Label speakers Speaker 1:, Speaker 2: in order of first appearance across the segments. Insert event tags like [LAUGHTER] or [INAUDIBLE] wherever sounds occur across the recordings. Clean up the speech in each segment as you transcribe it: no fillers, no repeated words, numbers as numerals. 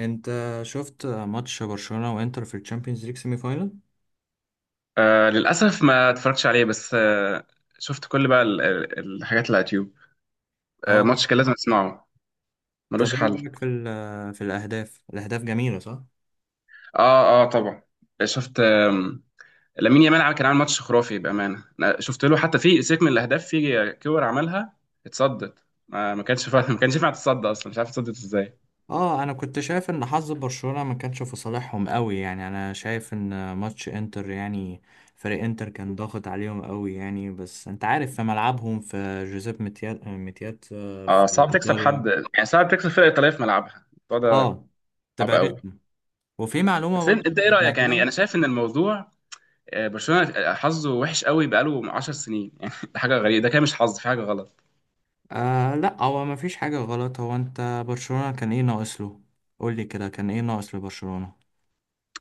Speaker 1: انت شفت ماتش برشلونة وانتر في الشامبيونز ليج سيمي فاينل.
Speaker 2: آه للأسف، ما اتفرجتش عليه، بس شفت كل بقى الحاجات اللي على اليوتيوب.
Speaker 1: اه،
Speaker 2: ماتش كان لازم اسمعه، ملوش
Speaker 1: طب ايه
Speaker 2: حل.
Speaker 1: رايك في في الاهداف؟ الاهداف جميلة صح.
Speaker 2: اه، اه، طبعا. شفت لامين يامال كان عامل ماتش خرافي، بأمانة، أنا شفت له حتى في سيك من الأهداف، في كور عملها اتصدت، ما ما كانش فا... [LAUGHS] ما كانش ينفع تتصدى أصلا، مش عارف اتصدت ازاي.
Speaker 1: اه، انا كنت شايف ان حظ برشلونة ما كانش في صالحهم قوي، يعني انا شايف ان ماتش انتر يعني فريق انتر كان ضاغط عليهم قوي يعني. بس انت عارف في ملعبهم في جوزيب ميتيات، في
Speaker 2: اه، صعب تكسب
Speaker 1: ايطاليا،
Speaker 2: حد، يعني صعب تكسب فرقة إيطالية في ملعبها، الموضوع ده
Speaker 1: اه
Speaker 2: صعب
Speaker 1: تبقى
Speaker 2: قوي.
Speaker 1: رخمة. وفي معلومة
Speaker 2: بس
Speaker 1: برضه
Speaker 2: انت
Speaker 1: انا
Speaker 2: ايه رأيك؟ يعني
Speaker 1: سمعتها.
Speaker 2: انا شايف ان الموضوع، برشلونه حظه وحش قوي بقاله 10 سنين، [LAUGHS] يعني ده حاجه غريبه، ده كده مش حظ، في حاجه غلط.
Speaker 1: آه لا، هو ما فيش حاجة غلط. هو انت برشلونة كان ايه ناقص له؟ قول لي كده، كان ايه ناقص لبرشلونة؟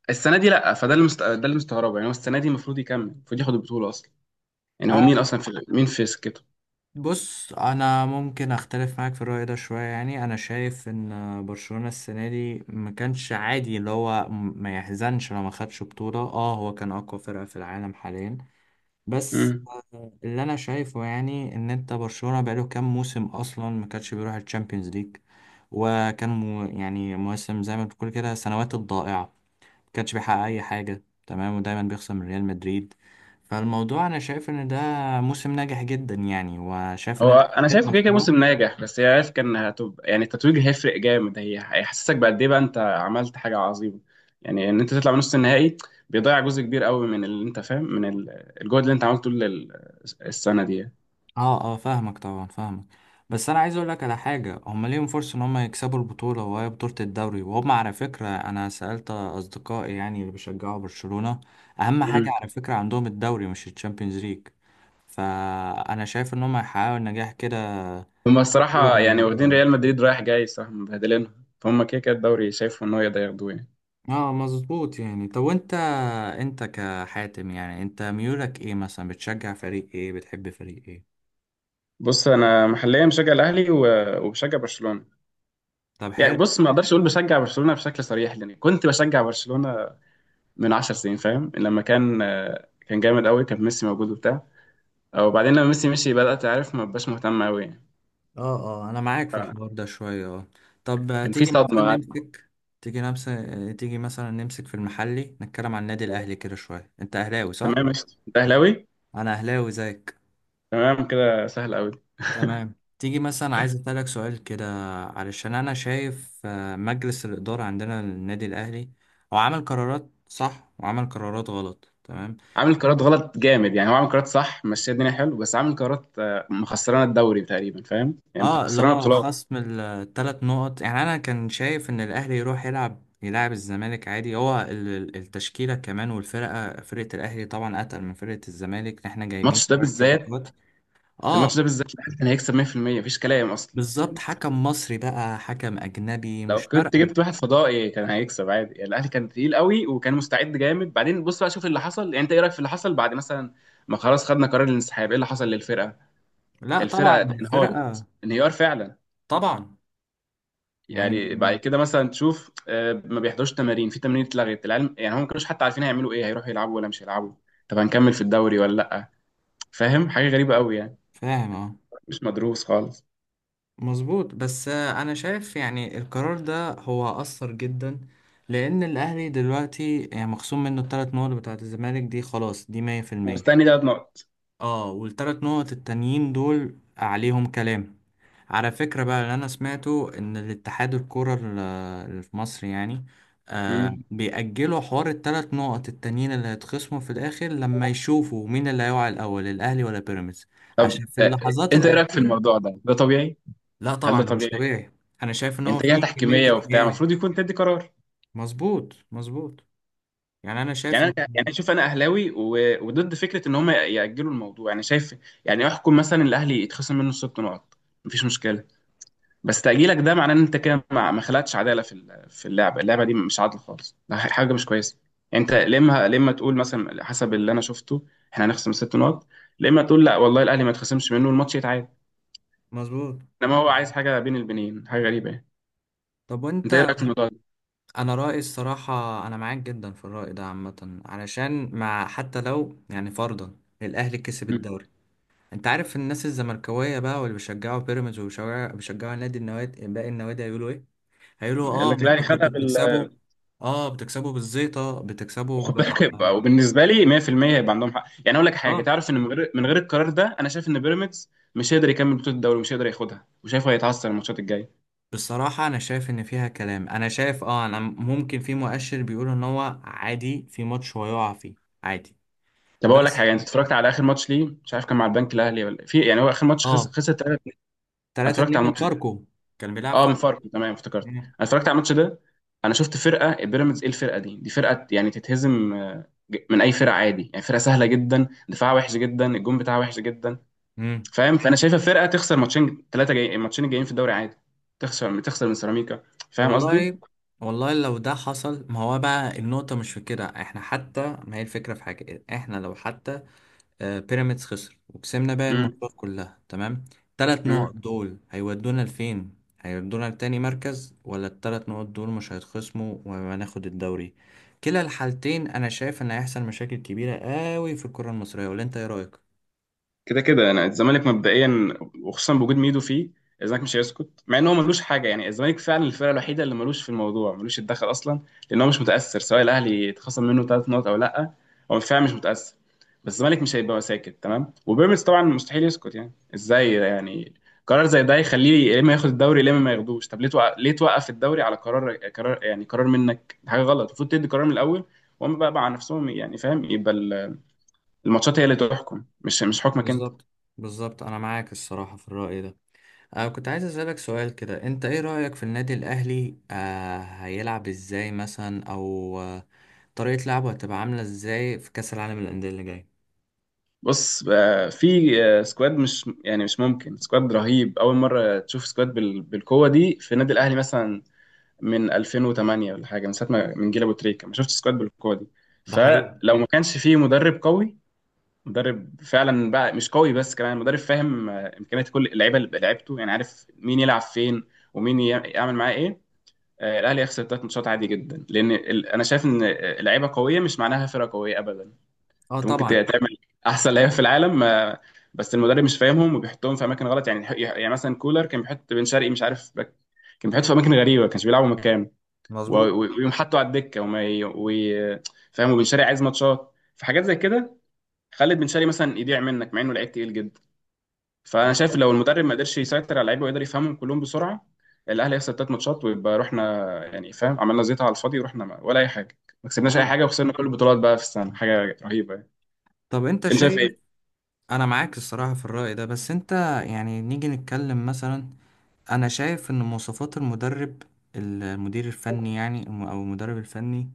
Speaker 2: السنه دي لا، ده اللي مستغربه، يعني هو السنه دي المفروض يكمل، المفروض ياخد البطوله اصلا. يعني هو
Speaker 1: آه
Speaker 2: مين اصلا في، مين في سكته؟
Speaker 1: بص، انا ممكن اختلف معاك في الرأي ده شوية. يعني انا شايف ان برشلونة السنة دي ما كانش عادي اللي هو ما يحزنش لو ما خدش بطولة. اه هو كان اقوى فرقة في العالم حاليا، بس
Speaker 2: مم.
Speaker 1: اللي انا شايفه يعني ان انت برشلونة بقاله كام موسم اصلا ما كانش بيروح الشامبيونز ليج، وكان مو يعني مواسم زي ما بتقول كده سنوات الضائعة. كانش بيحقق اي حاجه، تمام، ودايما بيخسر من ريال مدريد. فالموضوع انا شايف ان ده موسم ناجح جدا يعني، وشايف
Speaker 2: هو
Speaker 1: ان ده
Speaker 2: انا
Speaker 1: بداية
Speaker 2: شايفه كده كده
Speaker 1: مشروع.
Speaker 2: موسم ناجح، بس هي عارف كان هتبقى، يعني التتويج هيفرق جامد، هي هيحسسك بقد ايه بقى انت عملت حاجه عظيمه. يعني ان انت تطلع من نص النهائي، بيضيع جزء كبير قوي من اللي انت فاهم، من الجهد اللي انت عملته طول السنه دي
Speaker 1: اه اه فاهمك طبعا فاهمك. بس انا عايز اقول لك على حاجه، هم ليهم فرصه ان هم يكسبوا البطوله، وهي بطوله الدوري، وهم على فكره انا سالت اصدقائي يعني اللي بيشجعوا برشلونه، اهم حاجه
Speaker 2: يعني.
Speaker 1: على فكره عندهم الدوري مش الشامبيونز ليج. فانا شايف ان هم هيحققوا النجاح كده.
Speaker 2: هما الصراحة يعني واخدين ريال مدريد رايح جاي، صح، مبهدلينها، فهم كده كده الدوري شايفه إن هو يقدر ياخدوه يعني.
Speaker 1: اه مظبوط يعني. طب وانت، انت كحاتم يعني انت ميولك ايه؟ مثلا بتشجع فريق ايه؟ بتحب فريق ايه؟
Speaker 2: بص، أنا محليا بشجع الأهلي وبشجع برشلونة.
Speaker 1: طب
Speaker 2: يعني
Speaker 1: حلو.
Speaker 2: بص، ما أقدرش أقول بشجع برشلونة بشكل صريح، لأن كنت بشجع برشلونة من 10 سنين، فاهم. لما كان كان جامد قوي، كان ميسي موجود وبتاع، وبعدين لما ميسي مشي بدأت أعرف ما بقاش مهتم قوي يعني،
Speaker 1: اه اه انا معاك في الحوار ده شوية، اه. طب
Speaker 2: كان في
Speaker 1: تيجي مثلا
Speaker 2: صدمة.
Speaker 1: نمسك، تيجي نمسك في المحلي، نتكلم عن النادي الاهلي كده شوية. انت اهلاوي صح؟
Speaker 2: تمام، ماشي، أنت أهلاوي.
Speaker 1: انا اهلاوي زيك.
Speaker 2: تمام، كده سهل قوي.
Speaker 1: تمام. تيجي مثلا، عايز اسالك سؤال كده، علشان انا شايف مجلس الادارة عندنا للنادي الاهلي هو عمل قرارات صح وعمل قرارات غلط، تمام.
Speaker 2: عامل قرارات غلط جامد يعني، هو عامل قرارات صح مشي الدنيا حلو، بس عامل قرارات مخسرانه الدوري تقريبا، فاهم، يعني
Speaker 1: اه اللي
Speaker 2: مخسرانه
Speaker 1: هو
Speaker 2: بطولات.
Speaker 1: خصم الثلاث نقط. يعني انا كان شايف ان الاهلي يروح يلعب الزمالك عادي. هو التشكيله كمان، والفرقه فرقه الاهلي طبعا اتقل من فرقه الزمالك، احنا جايبين
Speaker 2: الماتش ده
Speaker 1: شويه
Speaker 2: بالذات
Speaker 1: صفقات.
Speaker 2: في
Speaker 1: اه
Speaker 2: الماتش ده بالذات الاهلي كان هيكسب 100%، مفيش كلام اصلا
Speaker 1: بالظبط،
Speaker 2: يعني.
Speaker 1: حكم مصري بقى حكم اجنبي
Speaker 2: لو
Speaker 1: مش
Speaker 2: كنت
Speaker 1: فارقه.
Speaker 2: جبت واحد فضائي كان هيكسب عادي يعني. الاهلي كان تقيل قوي وكان مستعد جامد. بعدين بص بقى، شوف اللي حصل، يعني انت ايه رايك في اللي حصل بعد مثلا ما خلاص خدنا قرار الانسحاب؟ ايه اللي حصل للفرقه؟
Speaker 1: لا طبعا
Speaker 2: الفرقه
Speaker 1: الفرقه.
Speaker 2: انهارت انهيار فعلا،
Speaker 1: طبعا، يعني
Speaker 2: يعني بعد كده مثلا تشوف ما بيحضروش تمارين، في تمارين اتلغت العلم، يعني هم ما كانوش حتى عارفين هيعملوا ايه، هيروحوا يلعبوا ولا مش هيلعبوا، طب هنكمل في الدوري ولا لا؟ فاهم، حاجه غريبه قوي يعني،
Speaker 1: فاهم. اه
Speaker 2: مش مدروس خالص.
Speaker 1: مظبوط. بس انا شايف يعني القرار ده هو اثر جدا، لان الاهلي دلوقتي يعني مخصوم منه الثلاث نقط بتاعت الزمالك دي، خلاص دي 100%.
Speaker 2: مستني 3 نقط.
Speaker 1: اه والثلاث نقط التانيين دول عليهم كلام. على فكرة بقى، اللي انا سمعته ان الاتحاد الكرة اللي في مصر يعني، آه
Speaker 2: مم.
Speaker 1: بيأجلوا حوار الثلاث نقط التانيين اللي هيتخصموا في الاخر، لما يشوفوا مين اللي هيقع الاول الاهلي ولا بيراميدز.
Speaker 2: طب
Speaker 1: عشان في اللحظات
Speaker 2: انت ايه رايك في
Speaker 1: الأخيرة.
Speaker 2: الموضوع ده؟ ده طبيعي؟
Speaker 1: لا
Speaker 2: هل ده
Speaker 1: طبعا ده مش
Speaker 2: طبيعي؟
Speaker 1: طبيعي. انا شايف ان هو
Speaker 2: انتاجيه
Speaker 1: في كمية
Speaker 2: تحكيميه وبتاع،
Speaker 1: اجيال.
Speaker 2: المفروض يكون تدي قرار.
Speaker 1: مظبوط مظبوط. يعني انا شايف
Speaker 2: يعني
Speaker 1: ان
Speaker 2: انا يعني شوف، انا اهلاوي وضد فكره ان هم ياجلوا الموضوع، يعني شايف، يعني احكم مثلا الاهلي يتخصم منه 6 نقط، مفيش مشكله. بس تأجيلك ده معناه ان انت كده ما خلقتش عدالة في في اللعبة. اللعبة دي مش عادلة خالص، ده حاجة مش كويسة. يعني انت لما تقول مثلا حسب اللي انا شفته، احنا هنخصم 6 نقط، لما تقول لا والله الاهلي ما يتخصمش منه، الماتش يتعاد،
Speaker 1: مظبوط.
Speaker 2: انما هو عايز حاجة بين البنين، حاجة غريبة يعني.
Speaker 1: طب وانت،
Speaker 2: انت ايه رأيك في الموضوع ده؟
Speaker 1: انا رأيي الصراحة انا معاك جدا في الرأي ده عامة، علشان مع حتى لو يعني فرضا الاهلي كسب
Speaker 2: مم.
Speaker 1: الدوري، انت عارف الناس الزملكاوية بقى واللي بيشجعوا بيراميدز وبيشجعوا النادي النوادي باقي النوادي هيقولوا ايه؟ هيقولوا
Speaker 2: يقول
Speaker 1: اه
Speaker 2: لك
Speaker 1: ما
Speaker 2: الاهلي
Speaker 1: انتوا
Speaker 2: خدها
Speaker 1: كنتوا
Speaker 2: بال
Speaker 1: بتكسبوا. اه بتكسبوا بالزيطة،
Speaker 2: [LAUGHS] خد بالك، وبالنسبة لي 100% هيبقى عندهم حق يعني. اقول لك حاجة،
Speaker 1: اه
Speaker 2: تعرف ان من غير القرار ده، انا شايف ان بيراميدز مش هيقدر يكمل بطولة الدوري ومش هيقدر ياخدها، وشايفه هيتعثر الماتشات الجاية.
Speaker 1: بصراحة أنا شايف إن فيها كلام. أنا شايف أه أنا ممكن في مؤشر بيقول إن هو عادي في ماتش هو يقع فيه عادي.
Speaker 2: طب اقول لك
Speaker 1: بس
Speaker 2: حاجه، انت اتفرجت على اخر ماتش ليه؟ مش عارف كان مع البنك الاهلي ولا في، يعني هو اخر ماتش خسر
Speaker 1: أه
Speaker 2: خسر 3. انا
Speaker 1: 3
Speaker 2: اتفرجت
Speaker 1: 2
Speaker 2: على
Speaker 1: من
Speaker 2: الماتش ده.
Speaker 1: فاركو، كان بيلعب
Speaker 2: اه، من
Speaker 1: فاركو.
Speaker 2: فاركو، تمام، افتكرت انا اتفرجت على الماتش ده. انا شفت فرقه بيراميدز، ايه الفرقه دي؟ دي فرقه يعني تتهزم من اي فرقه عادي، يعني فرقه سهله جدا، دفاعها وحش جدا، الجون بتاعها وحش جدا.
Speaker 1: امم.
Speaker 2: فاهم، فانا شايفه فرقه تخسر ماتشين ثلاثه جاي، الماتشين الجايين في الدوري عادي تخسر من سيراميكا، فاهم قصدي.
Speaker 1: والله، والله لو ده حصل ما هو بقى النقطة مش في كده. إحنا حتى ما هي الفكرة في حاجة، إحنا لو حتى بيراميدز خسر وكسبنا باقي
Speaker 2: امم،
Speaker 1: الماتشات كلها تمام، تلات نقط
Speaker 2: امم.
Speaker 1: دول هيودونا لفين؟ هيودونا لتاني مركز، ولا التلات نقط دول مش هيتخصموا وهناخد الدوري. كلا الحالتين انا شايف ان هيحصل مشاكل كبيرة قوي في الكرة المصرية، ولا انت ايه رأيك؟
Speaker 2: كده كده يعني الزمالك مبدئيا، وخصوصا بوجود ميدو فيه، الزمالك مش هيسكت مع ان هو ملوش حاجه، يعني الزمالك فعلا الفرقه الوحيده اللي ملوش في الموضوع، ملوش يتدخل اصلا، لان هو مش متاثر سواء الاهلي اتخصم منه 3 نقط او لا، هو فعلا مش متاثر. بس الزمالك مش هيبقى ساكت تمام، وبيراميدز طبعا مستحيل يسكت، يعني ازاي ده يعني؟ قرار زي ده يخليه يا اما ياخد الدوري يا اما ما ياخدوش، طب ليه توقف، الدوري على قرار، يعني قرار منك، دي حاجه غلط، المفروض تدي قرار من الاول. وهم بقى مع نفسهم يعني، فاهم، يبقى الماتشات هي اللي تحكم، مش حكمك انت.
Speaker 1: بالظبط بالظبط، انا معاك الصراحة في الرأي ده. أنا كنت عايز أسألك سؤال كده، أنت إيه رأيك في النادي الأهلي؟ آه هيلعب إزاي مثلا، أو آه طريقة لعبه هتبقى عاملة إزاي في كأس العالم للأندية اللي جاي؟
Speaker 2: بص، في سكواد، مش يعني مش ممكن، سكواد رهيب، اول مره تشوف سكواد بالقوه دي في النادي الاهلي مثلا من 2008 ولا حاجه، من ساعه ما من جيل ابو تريكه ما شفتش سكواد بالقوه دي.
Speaker 1: ده حقيقي.
Speaker 2: فلو ما كانش فيه مدرب قوي، مدرب فعلا بقى مش قوي بس كمان مدرب فاهم امكانيات كل اللعيبه اللي لعبته، يعني عارف مين يلعب فين، ومين يعمل معاه ايه. الاهلي يخسر 3 ماتشات عادي جدا، لان انا شايف ان لعيبه قويه مش معناها فرقه قويه ابدا.
Speaker 1: اه
Speaker 2: انت ممكن
Speaker 1: طبعا.
Speaker 2: تعمل احسن لعيبه في العالم بس المدرب مش فاهمهم وبيحطهم في اماكن غلط، يعني مثلا كولر كان بيحط بن شرقي مش عارف كان بيحط في اماكن غريبه ما كانش بيلعبوا مكانه،
Speaker 1: مظبوط.
Speaker 2: ويقوم حاطه على الدكه فاهم، وبن شرقي عايز ماتشات فحاجات زي كده، خلت بن شرقي مثلا يضيع منك مع انه لعيب تقيل جدا. فانا شايف لو المدرب ما قدرش يسيطر على اللعيبه ويقدر يفهمهم كلهم بسرعه، الاهلي هيخسر 3 ماتشات، ويبقى رحنا يعني، فاهم، عملنا زيطه على الفاضي ورحنا ولا اي حاجه، ما كسبناش اي
Speaker 1: اه
Speaker 2: حاجه وخسرنا كل البطولات بقى في السنه، حاجه رهيبه يعني.
Speaker 1: طب انت
Speaker 2: انت شايف
Speaker 1: شايف،
Speaker 2: ايه؟
Speaker 1: انا معاك الصراحة في الرأي ده. بس انت يعني نيجي نتكلم مثلا، انا شايف ان مواصفات المدرب، المدير الفني يعني او المدرب الفني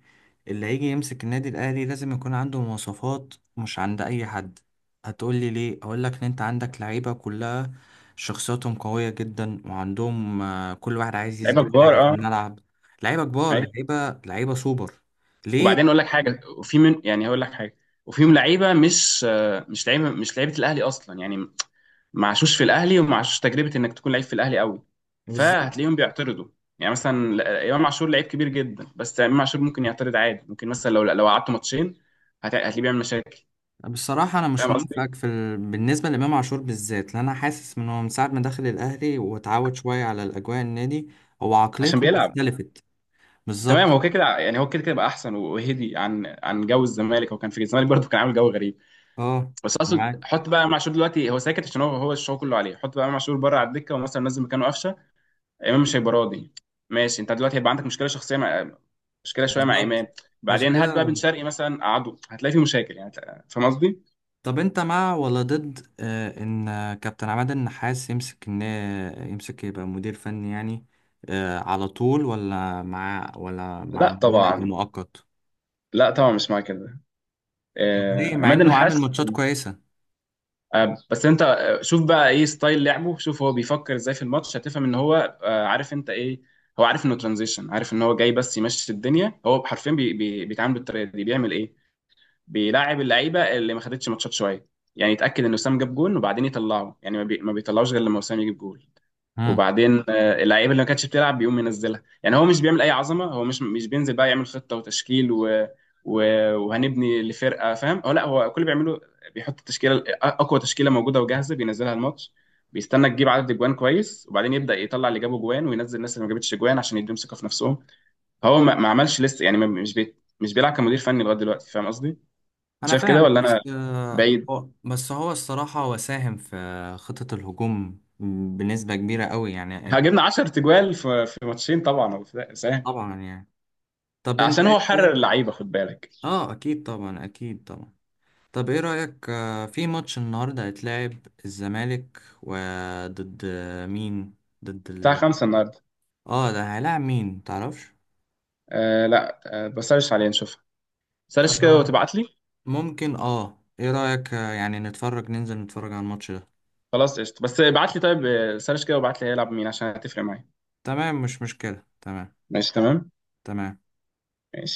Speaker 1: اللي هيجي يمسك النادي الاهلي لازم يكون عنده مواصفات مش عند اي حد. هتقولي ليه؟ اقول لك ان انت عندك لعيبة كلها شخصياتهم قوية جدا، وعندهم كل واحد عايز
Speaker 2: لعيبه
Speaker 1: يثبت
Speaker 2: كبار،
Speaker 1: حاجة في
Speaker 2: اه.
Speaker 1: الملعب. لعيبة كبار،
Speaker 2: ايوه.
Speaker 1: لعيبة لعيبة سوبر. ليه؟
Speaker 2: وبعدين اقول لك حاجه، وفي من يعني هقول لك حاجه، وفيهم لعيبه مش لعيبه الاهلي اصلا يعني، ما عاشوش في الاهلي وما عاشوش تجربه انك تكون لعيب في الاهلي قوي.
Speaker 1: بالظبط.
Speaker 2: فهتلاقيهم بيعترضوا، يعني مثلا امام عاشور لعيب كبير جدا، بس امام عاشور ممكن يعترض عادي، ممكن مثلا لو قعدته ماتشين، هتلاقيه بيعمل مشاكل،
Speaker 1: بصراحة أنا مش
Speaker 2: فاهم قصدي؟
Speaker 1: موافقك في بالنسبة لإمام عاشور بالذات، لأن أنا حاسس من هو من ساعة ما دخل الأهلي واتعود شوية على الأجواء النادي، هو
Speaker 2: عشان
Speaker 1: عقليته
Speaker 2: بيلعب.
Speaker 1: اختلفت. بالظبط.
Speaker 2: تمام، هو كده كده يعني، هو كده كده بقى احسن وهدي عن جو الزمالك، هو كان في الزمالك برضه كان عامل جو غريب.
Speaker 1: أه
Speaker 2: بس
Speaker 1: أنا
Speaker 2: اقصد
Speaker 1: معاك.
Speaker 2: حط بقى امام عاشور دلوقتي هو ساكت عشان هو الشغل كله عليه، حط بقى امام عاشور بره على الدكه ومثلا نزل مكانه قفشه، امام مش هيبقى راضي. ماشي، انت دلوقتي هيبقى عندك مشكله شخصيه مع، مشكله شويه مع
Speaker 1: بالظبط.
Speaker 2: امام.
Speaker 1: عشان
Speaker 2: بعدين هات بقى بن
Speaker 1: كده،
Speaker 2: شرقي مثلا قعده، هتلاقي في مشاكل يعني، فاهم قصدي؟
Speaker 1: طب أنت مع ولا ضد آه إن كابتن عماد النحاس يمسك، إن يمسك يبقى مدير فني يعني آه على طول، ولا مع ولا مع
Speaker 2: لا
Speaker 1: إن هو يبقى
Speaker 2: طبعا.
Speaker 1: مؤقت؟
Speaker 2: لا طبعا، مش مع كده،
Speaker 1: طب ليه مع
Speaker 2: عماد
Speaker 1: إنه عامل
Speaker 2: النحاس.
Speaker 1: ماتشات كويسة؟
Speaker 2: بس انت، شوف بقى ايه ستايل لعبه، شوف هو بيفكر ازاي في الماتش، هتفهم ان هو عارف انت ايه، هو عارف انه ترانزيشن، عارف ان هو جاي بس يمشي الدنيا، هو حرفيا بي بي بيتعامل بالطريقه دي. بيعمل ايه؟ بيلاعب اللعيبه اللي ما خدتش ماتشات شويه، يعني يتاكد ان وسام جاب جون وبعدين يطلعه، يعني ما بيطلعوش غير لما وسام يجيب جول، وبعدين اللعيبه اللي ما كانتش بتلعب بيقوم ينزلها، يعني هو مش بيعمل اي عظمه، هو مش بينزل بقى يعمل خطه وتشكيل و... وهنبني لفرقه، فاهم، هو لا، هو كل اللي بيعمله بيحط التشكيله اقوى تشكيله موجوده وجاهزه، بينزلها الماتش، بيستنى تجيب عدد اجوان كويس، وبعدين يبدا يطلع اللي جابوا جوان وينزل الناس اللي ما جابتش جوان عشان يديهم ثقه في نفسهم. فهو ما عملش لسه يعني، ما... مش بي... مش بيلعب كمدير فني لغايه دلوقتي، فاهم قصدي.
Speaker 1: انا
Speaker 2: شايف كده
Speaker 1: فاهم،
Speaker 2: ولا
Speaker 1: بس
Speaker 2: انا
Speaker 1: آه
Speaker 2: بعيد؟
Speaker 1: بس هو الصراحة هو ساهم في خطة الهجوم بنسبة كبيرة قوي يعني.
Speaker 2: هجبنا 10 تجوال في ماتشين طبعا، هو سهل،
Speaker 1: طبعا يعني. طب انت
Speaker 2: عشان
Speaker 1: ايه
Speaker 2: هو
Speaker 1: رأيك؟
Speaker 2: حرر اللعيبه، خد بالك.
Speaker 1: اه اكيد طبعا، اكيد طبعا. طب ايه رأيك في ماتش النهاردة هيتلعب الزمالك وضد مين؟ ضد
Speaker 2: بتاع
Speaker 1: ال،
Speaker 2: 5 النهارده.
Speaker 1: اه ده هيلاعب مين تعرفش؟
Speaker 2: لا، بسرش عليه نشوفها، سرش كده
Speaker 1: آه،
Speaker 2: وتبعت لي.
Speaker 1: ممكن اه ايه رأيك يعني نتفرج، ننزل نتفرج على الماتش ده؟
Speaker 2: خلاص قشطه، بس ابعت لي، طيب، سرش كده وابعت لي هيلعب مين عشان هتفرق معايا.
Speaker 1: تمام مش مشكلة. تمام.
Speaker 2: ماشي، تمام،
Speaker 1: تمام.
Speaker 2: ماشي